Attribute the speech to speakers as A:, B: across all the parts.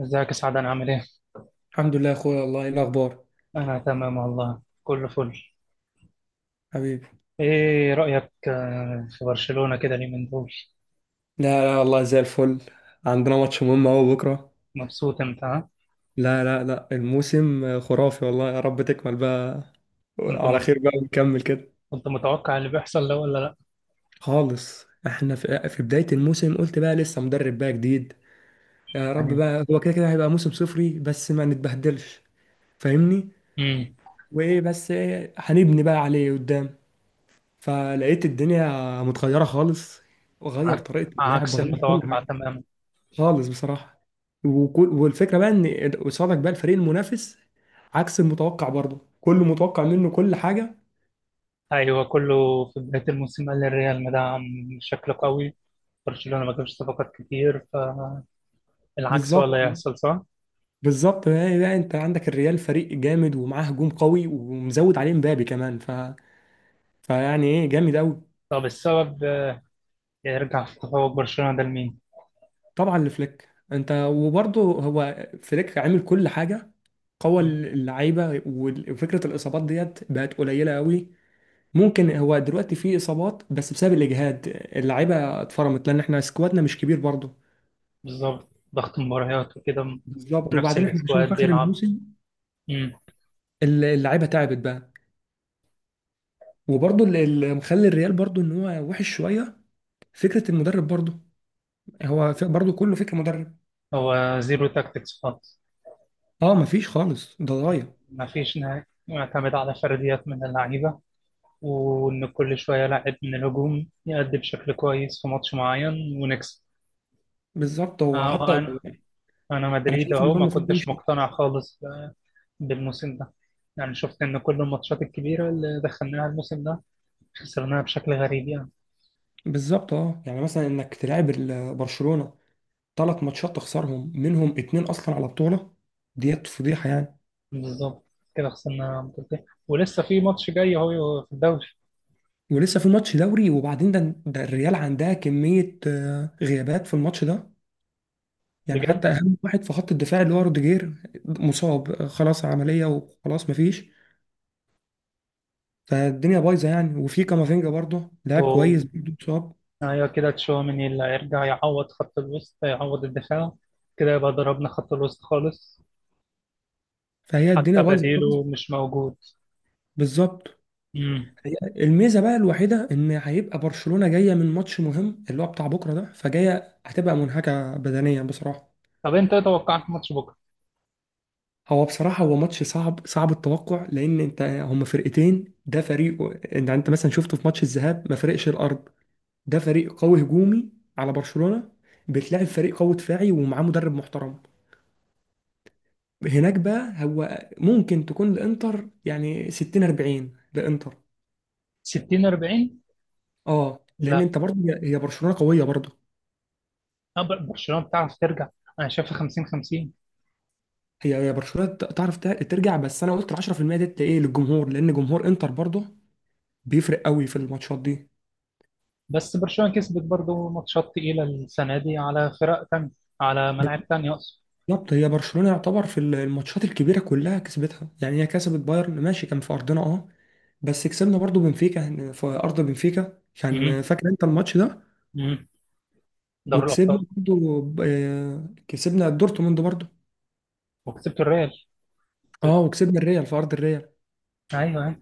A: ازيك يا سعد، انا عامل ايه؟
B: الحمد لله يا اخويا والله ايه الاخبار.
A: انا تمام والله، كله فل.
B: حبيبي،
A: ايه رأيك في برشلونة كده اليومين دول؟
B: لا لا والله زي الفل. عندنا ماتش مهم اهو بكره.
A: مبسوط انت، ها؟
B: لا لا لا الموسم خرافي والله، يا رب تكمل بقى
A: كنت
B: على
A: م...
B: خير بقى ونكمل كده.
A: كنت متوقع اللي بيحصل ده ولا لا؟
B: خالص، احنا في بداية الموسم قلت بقى لسه مدرب بقى جديد، يا رب
A: يعني،
B: بقى هو كده كده هيبقى موسم صفري بس ما نتبهدلش. فاهمني.
A: امم
B: وايه بس إيه هنبني بقى عليه قدام، فلقيت الدنيا متغيرة خالص، وغير
A: عك...
B: طريقة اللعب
A: عكس
B: غير كل
A: المتوقع
B: حاجة.
A: تماما.
B: خالص بصراحة. وكل والفكرة بقى ان قصادك بقى الفريق المنافس عكس المتوقع برضه كله متوقع منه كل حاجة.
A: ايوه، كله في بداية الموسم قال الريال مدعم بشكل قوي، برشلونة ما جابش صفقات كتير، فالعكس هو
B: بالظبط.
A: اللي هيحصل صح؟
B: بالظبط بقى، انت عندك الريال فريق جامد ومعاه هجوم قوي ومزود عليه مبابي كمان فيعني ايه جامد قوي.
A: طب السبب يرجع في تفوق برشلونة ده لمين؟
B: طبعا لفليك انت، وبرضه هو فليك عامل كل حاجة، قوى اللعيبة وفكرة الإصابات ديت بقت قليلة قوي. ممكن هو دلوقتي في إصابات بس بسبب الإجهاد، اللعيبة اتفرمت لأن احنا سكوادنا مش كبير برضه.
A: بالظبط، ضغط مباريات وكده.
B: بالظبط
A: ونفس
B: وبعدين احنا عشان في
A: السكواد
B: اخر
A: بيلعب.
B: الموسم
A: مم.
B: اللعيبه تعبت بقى. وبرضه اللي مخلي الريال برضه ان هو وحش شويه فكره المدرب برضه، هو برضه كله فكره مدرب.
A: هو زيرو تاكتكس خالص.
B: اه مفيش خالص، ده ضايع.
A: مفيش نهاية، معتمد على فرديات من اللعيبة، وإن كل شوية لاعب من الهجوم يأدي بشكل كويس في ماتش معين ونكسب.
B: بالظبط. هو
A: آه،
B: حتى
A: أنا أنا
B: انا
A: مدريد
B: شايف ان
A: أهو
B: هو
A: ما
B: المفروض يمشي.
A: كنتش مقتنع خالص بالموسم ده. يعني شفت إن كل الماتشات الكبيرة اللي دخلناها الموسم ده خسرناها بشكل غريب يعني.
B: بالظبط، اه يعني مثلا انك تلعب برشلونه ثلاث ماتشات تخسرهم، منهم اتنين اصلا على بطوله، ديت فضيحه يعني.
A: بالظبط، كده خسرنا بطولتين ولسه في ماتش جاي أهو في الدوري.
B: ولسه في ماتش دوري، وبعدين ده الريال عندها كميه غيابات في الماتش ده، يعني حتى اهم واحد في خط الدفاع اللي هو روديجير مصاب خلاص، عمليه وخلاص مفيش. فالدنيا بايظه يعني، وفي كامافينجا برضه لاعب كويس
A: بجد.
B: برضه مصاب.
A: ايوه كده، تشواميني اللي هيرجع يعوض خط الوسط يعوض الدفاع، كده يبقى ضربنا خط الوسط خالص.
B: فهي
A: حتى
B: الدنيا بايظه خالص.
A: بديله مش موجود.
B: بالظبط.
A: امم
B: هي الميزه بقى الوحيده ان هيبقى برشلونه جايه من ماتش مهم اللي هو بتاع بكره ده، فجايه هتبقى منهكه بدنيا بصراحه.
A: طب انت ايه توقعك ماتش بكره؟
B: هو بصراحه هو ماتش صعب، صعب التوقع، لان انت هما فرقتين. ده فريق، انت انت مثلا شفته في ماتش الذهاب ما فرقش الارض، ده فريق قوي هجومي على برشلونة. بتلاعب فريق قوي دفاعي ومعاه مدرب محترم. هناك بقى هو ممكن تكون الانتر يعني 60 40 لانتر.
A: 60-40؟
B: اه لان
A: لا،
B: انت برضه هي هي برشلونة قوية برضه.
A: برشلونه بتعرف ترجع، انا شايفها 50-50.
B: هي هي برشلونة تعرف ترجع، بس انا قلت ال 10% ديت ايه للجمهور، لان جمهور انتر برضه بيفرق قوي في الماتشات دي.
A: بس برشلونه كسبت برضه ماتشات تقيله السنه دي على فرق تانية، على ملاعب تانية اقصد.
B: بالظبط. هي برشلونة يعتبر في الماتشات الكبيرة كلها كسبتها، يعني هي كسبت بايرن ماشي كان في ارضنا اه، بس كسبنا برضو بنفيكا في ارض بنفيكا، كان
A: امم
B: فاكر انت الماتش ده.
A: امم دوري
B: وكسبنا
A: الابطال.
B: برضو كسبنا دورتموند برضو.
A: وكسبت الريال،
B: اه
A: كسبت.
B: وكسبنا الريال في ارض الريال.
A: ايوه، أيوة.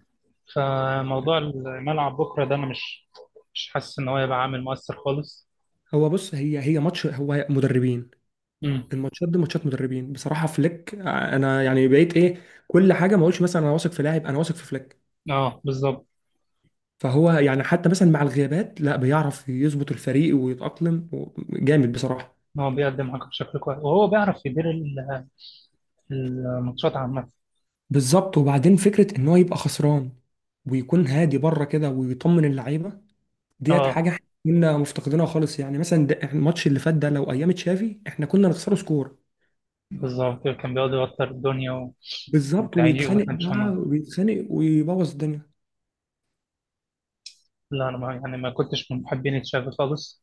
A: فموضوع الملعب بكره ده انا مش حاسس ان هو يبقى عامل مؤثر خالص.
B: هو بص، هي هي ماتش هو مدربين،
A: امم
B: الماتشات دي ماتشات مدربين بصراحة. فليك، انا يعني بقيت ايه، كل حاجة ما اقولش مثلا انا واثق في لاعب، انا واثق في فليك.
A: اه بالظبط.
B: فهو يعني حتى مثلا مع الغيابات لا بيعرف يظبط الفريق ويتأقلم جامد بصراحة.
A: هو بيقدم حاجه بشكل كويس، وهو بيعرف يدير الماتشات عامه.
B: بالظبط، وبعدين فكرة ان هو يبقى خسران ويكون هادي بره كده ويطمن اللعيبة، ديت
A: اه
B: حاجه احنا كنا مفتقدينها خالص. يعني مثلا ده إحنا الماتش اللي فات ده لو ايام تشافي احنا كنا نخسره سكور.
A: بالظبط، كان بيقعد يوتر الدنيا
B: بالظبط،
A: والعيق
B: ويتخانق بقى
A: وتنشنه.
B: ويتخانق ويبوظ الدنيا.
A: لا انا، ما يعني ما كنتش من محبين تشافي خالص.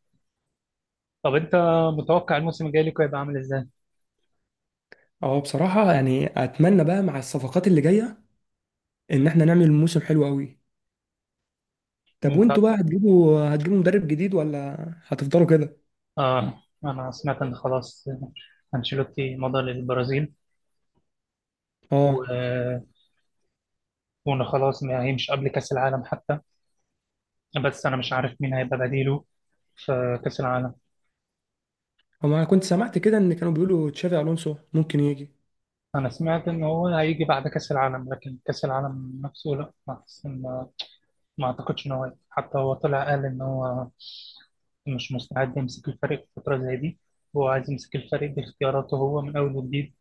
A: طب انت متوقع الموسم الجاي لكم هيبقى عامل ازاي؟
B: اه بصراحه يعني اتمنى بقى مع الصفقات اللي جايه ان احنا نعمل موسم حلو قوي. طب
A: انت.
B: وانتوا بقى هتجيبوا مدرب جديد، ولا هتفضلوا كده؟
A: اه، انا سمعت ان خلاص انشيلوتي مضى للبرازيل، و...
B: اه.
A: وان خلاص ما هيمش قبل كاس العالم حتى، بس انا مش عارف مين هيبقى بديله في كاس العالم.
B: هو انا كنت سمعت كده ان كانوا بيقولوا تشافي الونسو ممكن يجي.
A: انا سمعت ان هو هيجي بعد كاس العالم، لكن كاس العالم نفسه لا. بس ما اعتقدش ان هو هيجي. حتى هو طلع قال ان هو مش مستعد يمسك الفريق في فتره زي دي، هو عايز يمسك الفريق باختياراته هو من اول وجديد،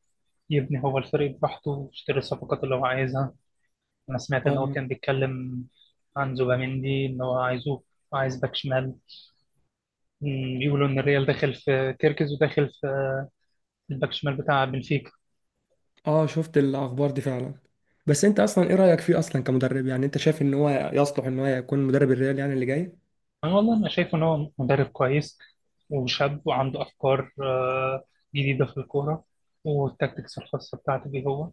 A: يبني هو الفريق براحته ويشتري الصفقات اللي هو عايزها. انا سمعت ان هو
B: اه.
A: كان بيتكلم عن زوباميندي، ان هو عايزه، عايز باك شمال. بيقولوا ان الريال داخل في كيركز وداخل في الباك شمال بتاع بنفيكا.
B: اه شفت الاخبار دي فعلا، بس انت اصلا ايه رايك فيه اصلا كمدرب؟ يعني انت شايف ان هو يصلح ان هو يكون مدرب الريال يعني اللي جاي؟
A: أنا والله، أنا شايف إن هو مدرب كويس وشاب، وعنده أفكار جديدة في الكورة، والتكتكس الخاصة بتاعته بيه هو،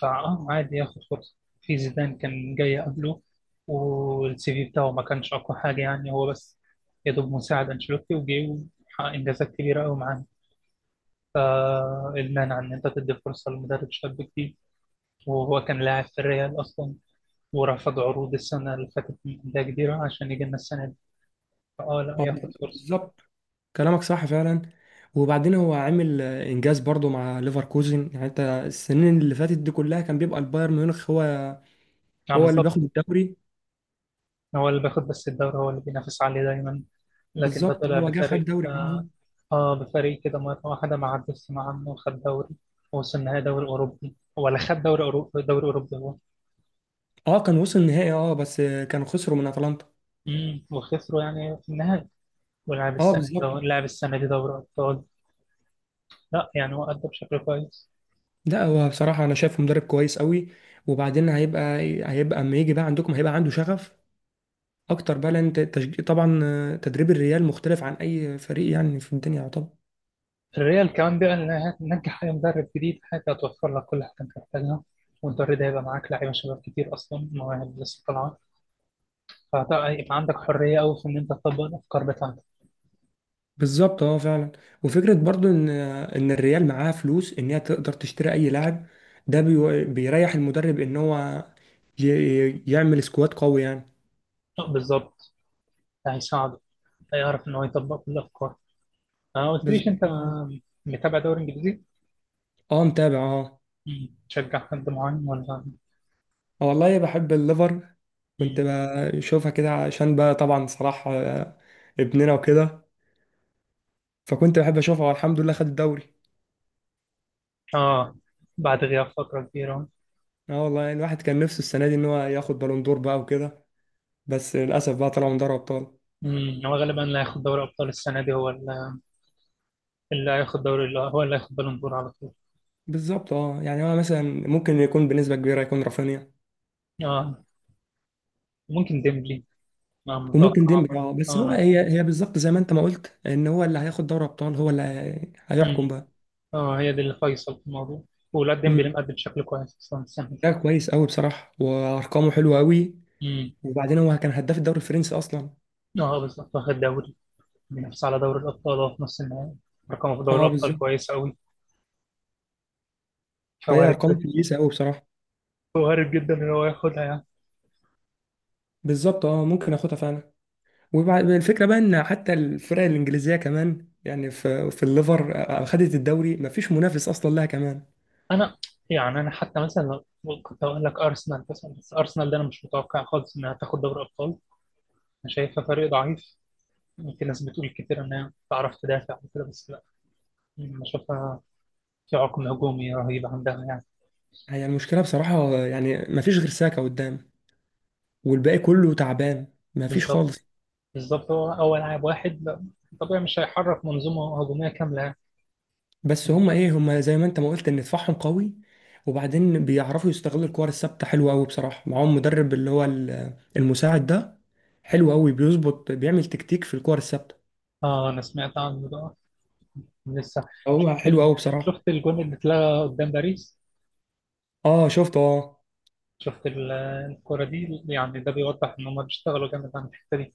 A: فأه، عادي ياخد فرصة. في زيدان كان جاي قبله، والسي في بتاعه ما كانش أقوى حاجة، يعني هو بس يا دوب مساعد أنشيلوتي، وجه وحقق إنجازات كبيرة أوي معاه. فالمانع إن أنت تدي فرصة لمدرب شاب جديد؟ وهو كان لاعب في الريال أصلا، ورفض عروض السنة اللي فاتت من أندية كبيرة عشان يجي لنا السنة دي. فأه، لا،
B: هو
A: ياخد فرصة.
B: بالظبط، كلامك صح فعلا. وبعدين هو عامل انجاز برضو مع ليفركوزن. يعني انت السنين اللي فاتت دي كلها كان بيبقى البايرن ميونخ هو
A: يعني
B: هو اللي
A: بالظبط،
B: بياخد الدوري.
A: هو اللي بياخد، بس الدوري هو اللي بينافس عليه دايما، لكن ده
B: بالظبط،
A: طلع
B: هو جه خد
A: بفريق،
B: دوري معاهم.
A: بفريق كده مرة واحدة ما عدتش مع عنه وخد دوري، ووصل النهائي دوري أوروبي، ولا خد دوري أوروبي، دوري أوروبي هو.
B: اه كان وصل النهائي، اه بس كانوا خسروا من اتلانتا.
A: وخسروا يعني في النهائي. ولعب
B: اه
A: السنة
B: بالظبط.
A: دي، لعب السنة دي دوري أبطال. لا يعني هو أدى بشكل كويس.
B: لا هو بصراحة انا شايفه مدرب كويس قوي. وبعدين هيبقى، هيبقى اما يجي بقى عندكم هيبقى عنده شغف اكتر بقى، لان طبعا تدريب الريال مختلف عن اي فريق يعني في الدنيا طبعا.
A: الريال كمان بقى، اللي هتنجح أي مدرب جديد، حاجة هتوفر لك كل حاجة أنت محتاجها، والدوري ده هيبقى معاك لعيبة شباب كتير أصلا، مواهب لسه طالعة، فهيبقى عندك حرية أوي في إن أنت تطبق الأفكار بتاعتك.
B: بالظبط اه فعلا. وفكره برضو ان ان الريال معاها فلوس ان هي تقدر تشتري اي لاعب، ده بيريح المدرب ان هو ي... يعمل سكواد قوي يعني.
A: بالظبط، هيساعده، هيعرف ان هو يطبق كل الافكار. ما قلتليش انت،
B: بالظبط
A: متابع دوري انجليزي؟
B: اه، متابع اه.
A: مم. تشجع حد معين ولا؟
B: والله بحب الليفر.
A: مم.
B: كنت بشوفها كده عشان بقى طبعا صلاح ابننا وكده، فكنت بحب اشوفها والحمد لله خد الدوري.
A: اه، بعد غياب فتره كبيره.
B: اه والله الواحد كان نفسه السنه دي ان هو ياخد بالون دور بقى وكده، بس للاسف بقى طلعوا من دوري ابطال.
A: مم. هو غالبا اللي هياخد دوري ابطال السنه دي هو اللي، اللي هياخد دوري، اللي هو اللي هياخد بالون دور على طول.
B: بالظبط. اه يعني هو مثلا ممكن يكون بنسبه كبيره يكون رافينيا،
A: اه. ممكن ديمبلي. آه،
B: وممكن
A: متوقع
B: ديمبلي
A: برضه.
B: اه، بس هو
A: اه أنا-
B: هي هي بالظبط زي ما انت ما قلت ان هو اللي هياخد دوري ابطال هو هيحكم
A: مم.
B: بقى.
A: اه، هي دي اللي فيصل في الموضوع. ولا
B: مم.
A: ديمبلي مقدم بشكل كويس اصلا السنه دي.
B: ده كويس قوي بصراحه وارقامه حلوه قوي.
A: مم.
B: وبعدين هو كان هداف الدوري الفرنسي اصلا.
A: اه بالظبط، واخد دوري، بينافس على دوري الأبطال وهو في نص النهائي، رقمه في دوري
B: اه
A: الأبطال
B: بالظبط.
A: كويس أوي،
B: فهي
A: فوارد.
B: ارقامه كويسه قوي بصراحه.
A: وارد جدا إن هو ياخدها يعني.
B: بالظبط اه ممكن اخدها فعلا. وبعد الفكره بقى ان حتى الفرق الانجليزيه كمان، يعني في الليفر خدت الدوري مفيش منافس اصلا لها كمان.
A: أنا يعني، أنا حتى مثلا، كنت أقول لك أرسنال مثلا. بس أرسنال ده أنا مش متوقع خالص إنها تاخد دوري أبطال. أنا شايفها فريق ضعيف. في ناس بتقول كتير إنها بتعرف تدافع وكده، بس لا، أنا شايفها في عقم هجومي رهيب عندها يعني.
B: هي المشكله بصراحه، يعني مفيش غير ساكا قدام والباقي كله تعبان، مفيش
A: بالظبط،
B: خالص.
A: بالظبط، هو لاعب واحد، لا، طبيعي مش هيحرك منظومة هجومية كاملة يعني.
B: بس هم ايه، هم زي ما انت ما قلت ان دفاعهم قوي، وبعدين بيعرفوا يستغلوا الكور الثابته حلوه قوي بصراحه، معاهم مدرب اللي هو المساعد ده حلو قوي بيظبط، بيعمل تكتيك في الكور الثابته.
A: آه، أنا سمعت عنه ده لسه.
B: هو
A: شفت
B: حلو
A: ال...
B: قوي بصراحه.
A: شفت الجون اللي اتلغى قدام باريس؟
B: اه شفته اه.
A: شفت الكرة دي؟ يعني ده بيوضح ان هم بيشتغلوا جامد على الحتة دي.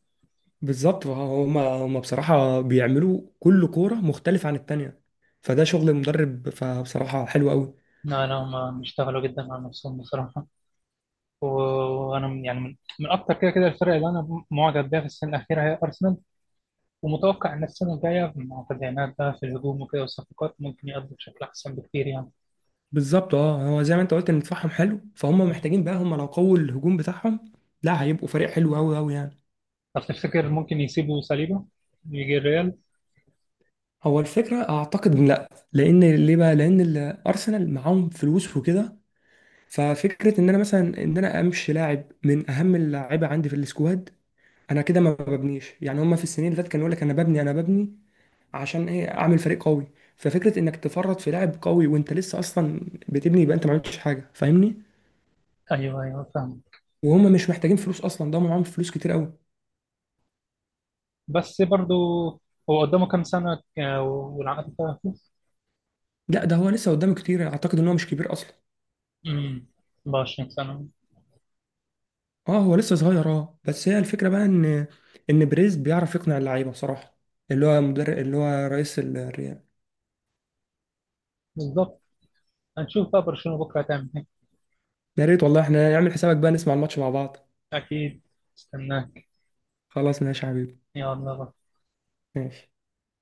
B: بالظبط، هم هم بصراحه بيعملوا كل كوره مختلفه عن التانيه، فده شغل المدرب فبصراحه حلو قوي.
A: لا لا، هم بيشتغلوا جدا على نفسهم بصراحة. و- وانا يعني من اكتر كده كده الفرق اللي انا معجب بيها في السنة الأخيرة هي ارسنال. ومتوقع ان السنة الجاية مع تدعيمات بقى في الهجوم وكده والصفقات، ممكن يقضوا بشكل احسن بكتير يعني.
B: بالظبط اه، هو زي ما انت قلت ان دفاعهم حلو، فهم محتاجين بقى، هم لو قووا الهجوم بتاعهم لا هيبقوا فريق حلو قوي قوي يعني.
A: طب تفتكر ممكن يسيبوا صليبه يجي الريال؟
B: هو الفكرة أعتقد إن لأ. لأن ليه بقى؟ لأن الأرسنال معاهم فلوس وكده. ففكرة إن أنا مثلا إن أنا أمشي لاعب من أهم اللعيبة عندي في السكواد، أنا كده ما ببنيش. يعني هما في السنين اللي فاتت كانوا يقول لك أنا ببني عشان إيه؟ أعمل فريق قوي. ففكرة إنك تفرط في لاعب قوي وأنت لسه أصلا بتبني، يبقى أنت ما عملتش حاجة، فاهمني؟
A: ايوه، ايوه، فاهم.
B: وهم مش محتاجين فلوس أصلا، ده معاهم فلوس كتير قوي.
A: بس برضو هو قدامه كام سنة والعقد بتاعه؟
B: لا ده هو لسه قدامه كتير، أعتقد إن هو مش كبير أصلا.
A: امم، 24 سنة.
B: اه هو لسه صغير، اه بس هي الفكره بقى ان ان بريز بيعرف يقنع اللعيبه بصراحه، اللي هو مدرب اللي هو رئيس الريال.
A: بالضبط. هنشوف بقى برشلونة بكرة هتعمل ايه.
B: يا ريت والله احنا نعمل حسابك بقى نسمع الماتش مع بعض.
A: أكيد، استناك.
B: خلاص ماشي يا حبيبي.
A: يا الله.
B: ماشي.